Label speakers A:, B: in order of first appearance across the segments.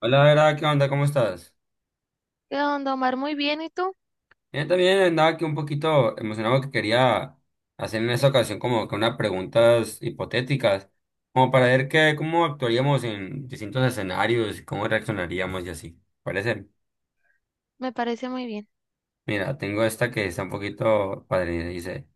A: Hola, Vera, ¿qué onda? ¿Cómo estás?
B: ¿Qué onda, Omar? Muy bien, ¿y tú?
A: Bien, también andaba aquí un poquito emocionado que quería hacer en esta ocasión como que unas preguntas hipotéticas, como para ver qué, cómo actuaríamos en distintos escenarios y cómo reaccionaríamos y así. ¿Parece?
B: Me parece muy bien.
A: Mira, tengo esta que está un poquito padre, dice.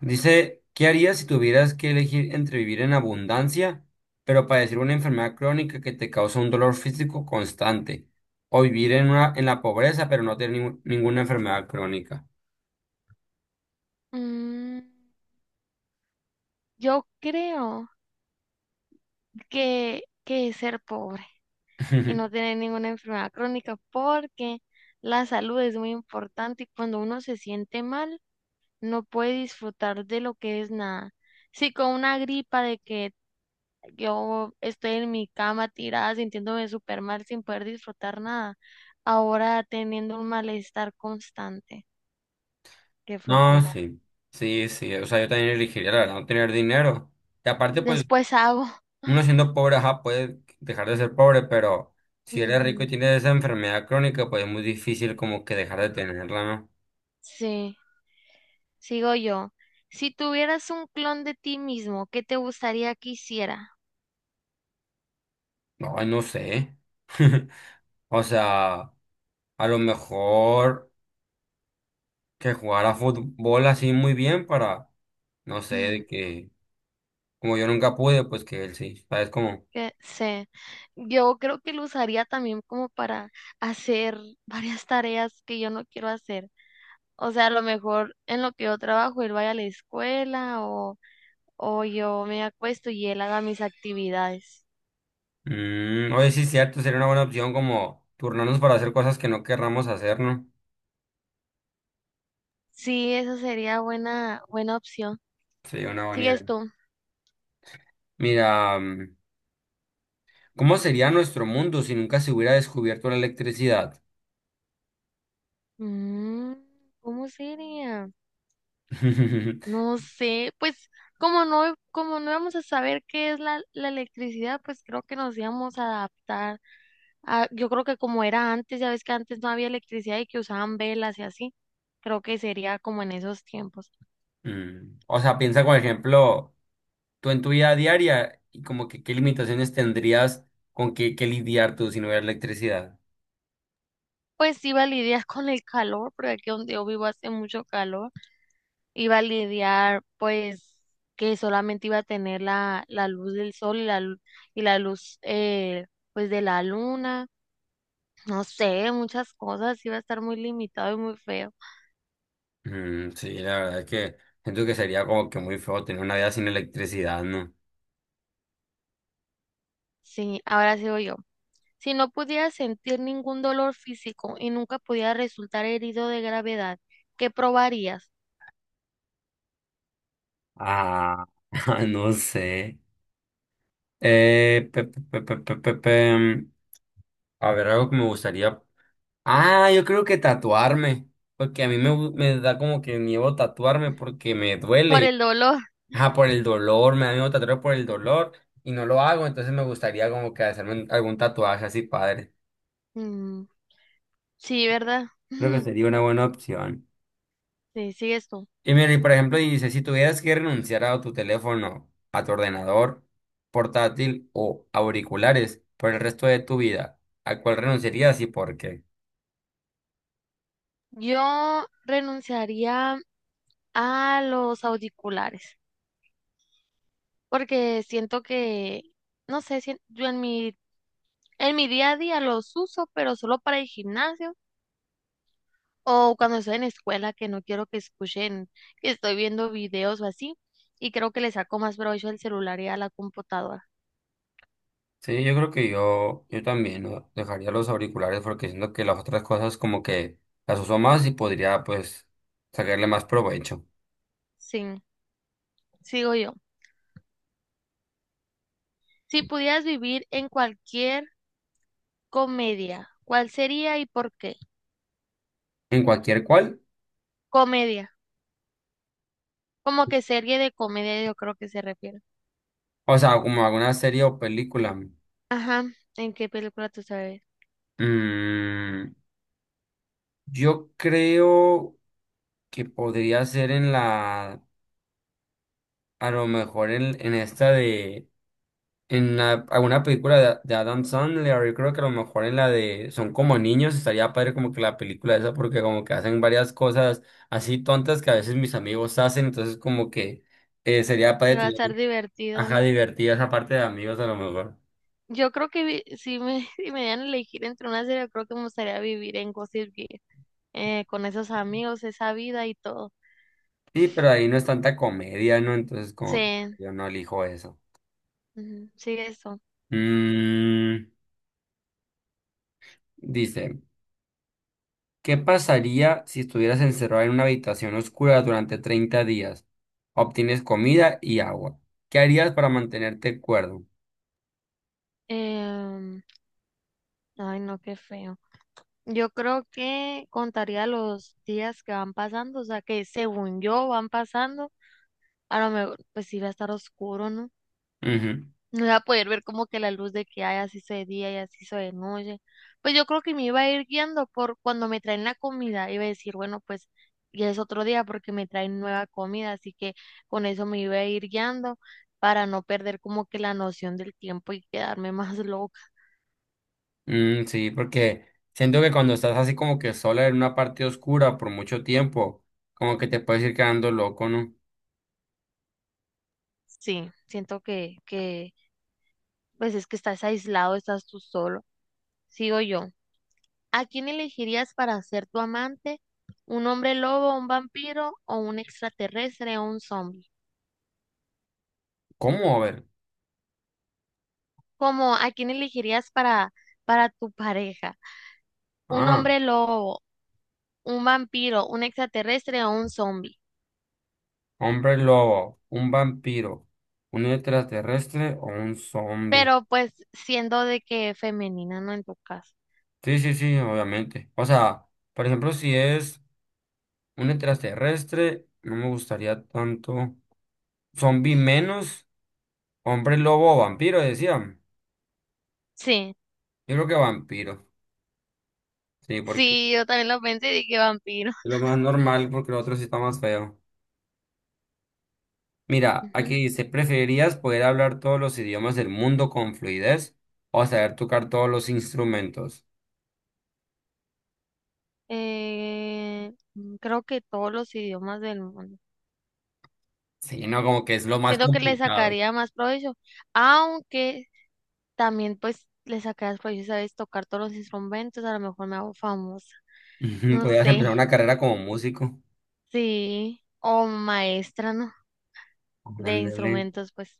A: Dice, ¿qué harías si tuvieras que elegir entre vivir en abundancia, pero padecer una enfermedad crónica que te causa un dolor físico constante, o vivir en una, en la pobreza, pero no tener ninguna enfermedad crónica?
B: Mm, yo creo que es ser pobre y no tener ninguna enfermedad crónica porque la salud es muy importante y cuando uno se siente mal no puede disfrutar de lo que es nada. Si con una gripa de que yo estoy en mi cama tirada sintiéndome súper mal sin poder disfrutar nada, ahora teniendo un malestar constante, qué
A: No,
B: flojera.
A: sí, sí, sí, o sea, yo también elegiría, la verdad, no tener dinero. Y aparte, pues,
B: Después hago.
A: uno siendo pobre, ajá, puede dejar de ser pobre, pero si eres rico y
B: Ujú.
A: tienes esa enfermedad crónica, pues es muy difícil como que dejar de tenerla, ¿no?
B: Sí, sigo yo. Si tuvieras un clon de ti mismo, ¿qué te gustaría que hiciera?
A: No, no sé. O sea, a lo mejor que jugara fútbol así muy bien para, no sé,
B: Mm,
A: de que, como yo nunca pude, pues que él sí, ¿sabes? Como,
B: que sé, yo creo que lo usaría también como para hacer varias tareas que yo no quiero hacer. O sea, a lo mejor en lo que yo trabajo, él vaya a la escuela o yo me acuesto y él haga mis actividades.
A: oye, sí, cierto, sería una buena opción como turnarnos para hacer cosas que no querramos hacer, ¿no?
B: Sí, esa sería buena, buena opción.
A: Sería una buena
B: ¿Sigues
A: idea.
B: tú?
A: Mira, ¿cómo sería nuestro mundo si nunca se hubiera descubierto la electricidad?
B: Mm, ¿cómo sería? No sé, pues como no íbamos a saber qué es la electricidad, pues creo que nos íbamos a adaptar a, yo creo que como era antes, ya ves que antes no había electricidad y que usaban velas y así, creo que sería como en esos tiempos.
A: O sea, piensa, por ejemplo, tú en tu vida diaria y como que qué limitaciones tendrías con qué, qué lidiar tú si no hubiera electricidad.
B: Pues iba a lidiar con el calor, porque aquí donde yo vivo hace mucho calor, iba a lidiar pues que solamente iba a tener la luz del sol y y la luz pues de la luna, no sé, muchas cosas, iba a estar muy limitado y muy feo.
A: Mm, sí, la verdad es que siento que sería como que muy feo tener una vida sin electricidad, ¿no?
B: Sí, ahora sigo yo. Si no pudiera sentir ningún dolor físico y nunca pudiera resultar herido de gravedad, ¿qué probarías?
A: Ah, no sé. Pe- pe- pe- pe- pe- pe- pe- mm, A ver, algo que me gustaría. Ah, yo creo que tatuarme, porque a mí me, me da como que miedo tatuarme porque me
B: Por
A: duele,
B: el dolor.
A: ajá, por el dolor, me da miedo tatuarme por el dolor y no lo hago, entonces me gustaría como que hacerme algún tatuaje así, padre.
B: Mm, sí, ¿verdad?
A: Creo que sería una buena opción.
B: Sí, sí, esto.
A: Y mira, y por ejemplo, dice, si tuvieras que renunciar a tu teléfono, a tu ordenador, portátil o auriculares por el resto de tu vida, ¿a cuál renunciarías y por qué?
B: Yo renunciaría a los auriculares porque siento que, no sé, si yo en mi día a día los uso, pero solo para el gimnasio. O cuando estoy en escuela que no quiero que escuchen que estoy viendo videos o así. Y creo que le saco más provecho al celular y a la computadora.
A: Sí, yo creo que yo también ¿no? dejaría los auriculares porque siento que las otras cosas como que las uso más y podría pues sacarle más provecho.
B: Sí, sigo yo. Si pudieras vivir en cualquier comedia, ¿cuál sería y por qué?
A: En cualquier cual,
B: Comedia. Como que serie de comedia yo creo que se refiere.
A: o sea, como alguna serie o película.
B: Ajá, ¿en qué película tú sabes?
A: mm, yo creo que podría ser en la, a lo mejor en esta de alguna película de Adam Sandler, yo creo que a lo mejor en la de Son como niños, estaría padre como que la película esa, porque como que hacen varias cosas así tontas que a veces mis amigos hacen, entonces como que sería padre
B: Va a
A: tener,
B: estar divertido,
A: ajá,
B: ¿no?
A: divertida esa parte de amigos a lo mejor.
B: Yo creo que si me, si me dieran a elegir entre una serie, yo creo que me gustaría vivir en Gossip Girl, con esos amigos, esa vida y todo.
A: Sí, pero ahí no es tanta comedia, ¿no? Entonces como
B: Sí.
A: que yo no elijo eso.
B: Ujú. Sí, eso.
A: Mm, Dice. ¿Qué pasaría si estuvieras encerrado en una habitación oscura durante 30 días? Obtienes comida y agua. ¿Qué harías para mantenerte cuerdo?
B: Em, Ay, no, qué feo. Yo creo que contaría los días que van pasando, o sea, que según yo van pasando, a lo mejor pues sí va a estar oscuro, ¿no?
A: Ujú.
B: No iba a poder ver como que la luz de que hay así se de día y así se de noche. Pues yo creo que me iba a ir guiando por cuando me traen la comida, iba a decir, bueno, pues ya es otro día porque me traen nueva comida, así que con eso me iba a ir guiando para no perder como que la noción del tiempo y quedarme más loca.
A: Mm, sí, porque siento que cuando estás así como que sola en una parte oscura por mucho tiempo, como que te puedes ir quedando loco, ¿no?
B: Sí, siento pues es que estás aislado, estás tú solo. Sigo yo. ¿A quién elegirías para ser tu amante? ¿Un hombre lobo, un vampiro o un extraterrestre o un zombie?
A: ¿Cómo? A ver.
B: ¿Cómo a quién elegirías para tu pareja? ¿Un
A: Ah,
B: hombre lobo, un vampiro, un extraterrestre o un zombie?
A: hombre lobo, un vampiro, un extraterrestre o un zombie.
B: Pero pues siendo de que femenina, no en tu caso.
A: Sí, sí, sí, obviamente. O sea, por ejemplo, si es... Un extraterrestre, no me gustaría tanto. Zombie menos, hombre lobo o vampiro, decían.
B: Sí,
A: Yo creo que vampiro. Sí, porque es
B: sí, yo también lo pensé y dije vampiro.
A: lo más normal, porque lo otro sí está más feo. Mira, aquí dice, ¿preferirías poder hablar todos los idiomas del mundo con fluidez o saber tocar todos los instrumentos?
B: Mm, creo que todos los idiomas del mundo.
A: Sí, no, como que es lo más
B: Siento que le
A: complicado.
B: sacaría más provecho, aunque también pues le sacarías provecho, sabes, tocar todos los instrumentos, a lo mejor me hago famosa, no
A: Podrías
B: sé,
A: empezar una carrera como músico.
B: sí, o maestra, ¿no? De
A: Ándale.
B: instrumentos, pues.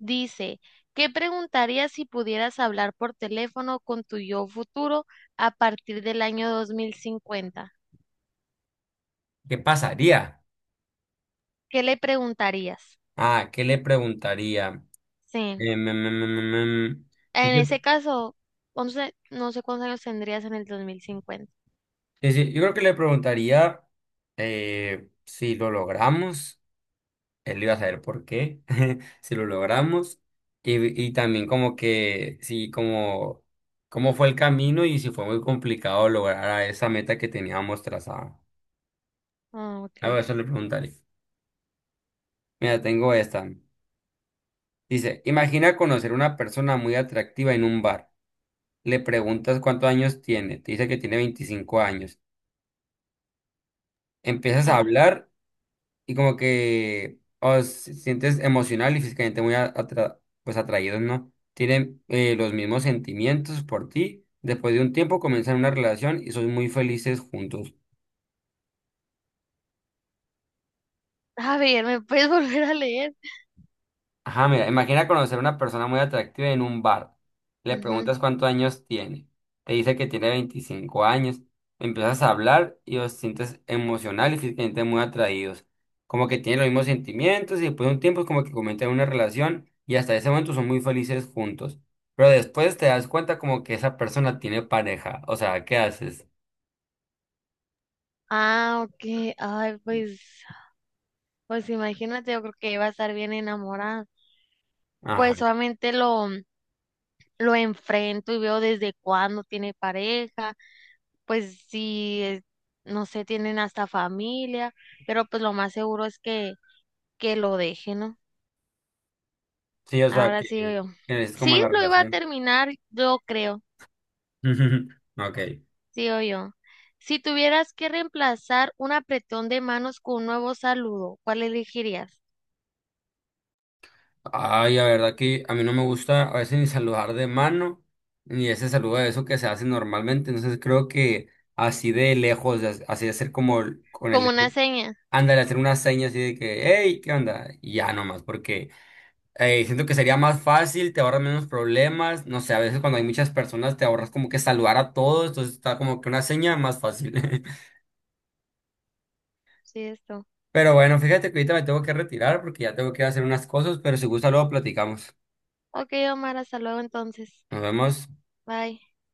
B: Dice, ¿qué preguntarías si pudieras hablar por teléfono con tu yo futuro a partir del año 2050?
A: ¿Qué pasaría?
B: ¿Qué le preguntarías?
A: Ah, ¿qué le preguntaría?
B: Sí.
A: Em, em, em, em,
B: En
A: em, em.
B: ese caso, 11, no sé cuántos años tendrías en el 2050.
A: Sí, sí, yo creo que le preguntaría si lo logramos, él iba a saber por qué, si lo logramos, y también como que, sí, como, cómo fue el camino y si fue muy complicado lograr a esa meta que teníamos trazada.
B: Ah,
A: A ver,
B: ok.
A: eso le preguntaría. Mira, tengo esta. Dice, imagina conocer una persona muy atractiva en un bar. Le preguntas cuántos años tiene, te dice que tiene 25 años. Empiezas a
B: Ah,
A: hablar y como que os sientes emocional y físicamente muy pues atraídos, ¿no? Tienen los mismos sentimientos por ti. Después de un tiempo comienzan una relación y son muy felices juntos.
B: a ver, ¿me puedes volver a leer?
A: Ajá, mira, imagina conocer a una persona muy atractiva en un bar. Le
B: Ujú.
A: preguntas cuántos años tiene. Te dice que tiene 25 años. Empiezas a hablar y os sientes emocional y físicamente muy atraídos. Como que tienen los mismos sentimientos y después de un tiempo es como que comienzan una relación y hasta ese momento son muy felices juntos. Pero después te das cuenta como que esa persona tiene pareja. O sea, ¿qué haces?
B: Ah, ok. Ay, pues, pues imagínate, yo creo que iba a estar bien enamorada. Pues
A: Ajá.
B: solamente lo enfrento y veo desde cuándo tiene pareja, pues si, no sé, tienen hasta familia, pero pues lo más seguro es que lo deje, ¿no?
A: Sí, o sea,
B: Ahora sí yo.
A: que es como
B: Sí,
A: la
B: lo iba a
A: relación.
B: terminar, yo creo.
A: Ok.
B: Sí, yo. Si tuvieras que reemplazar un apretón de manos con un nuevo saludo, ¿cuál elegirías?
A: Ay, la verdad que a mí no me gusta a veces ni saludar de mano, ni ese saludo de eso que se hace normalmente. Entonces creo que así de lejos, así de hacer como con
B: Como
A: el...
B: una seña.
A: Ándale, hacer una seña así de que, hey, ¿qué onda? Y ya nomás, porque siento que sería más fácil, te ahorras menos problemas. No sé, a veces cuando hay muchas personas te ahorras como que saludar a todos, entonces está como que una seña más fácil.
B: Sí, esto.
A: Pero bueno, fíjate que ahorita me tengo que retirar porque ya tengo que ir a hacer unas cosas, pero si gusta luego platicamos.
B: Ok, Omar, hasta luego entonces.
A: Nos vemos.
B: Bye.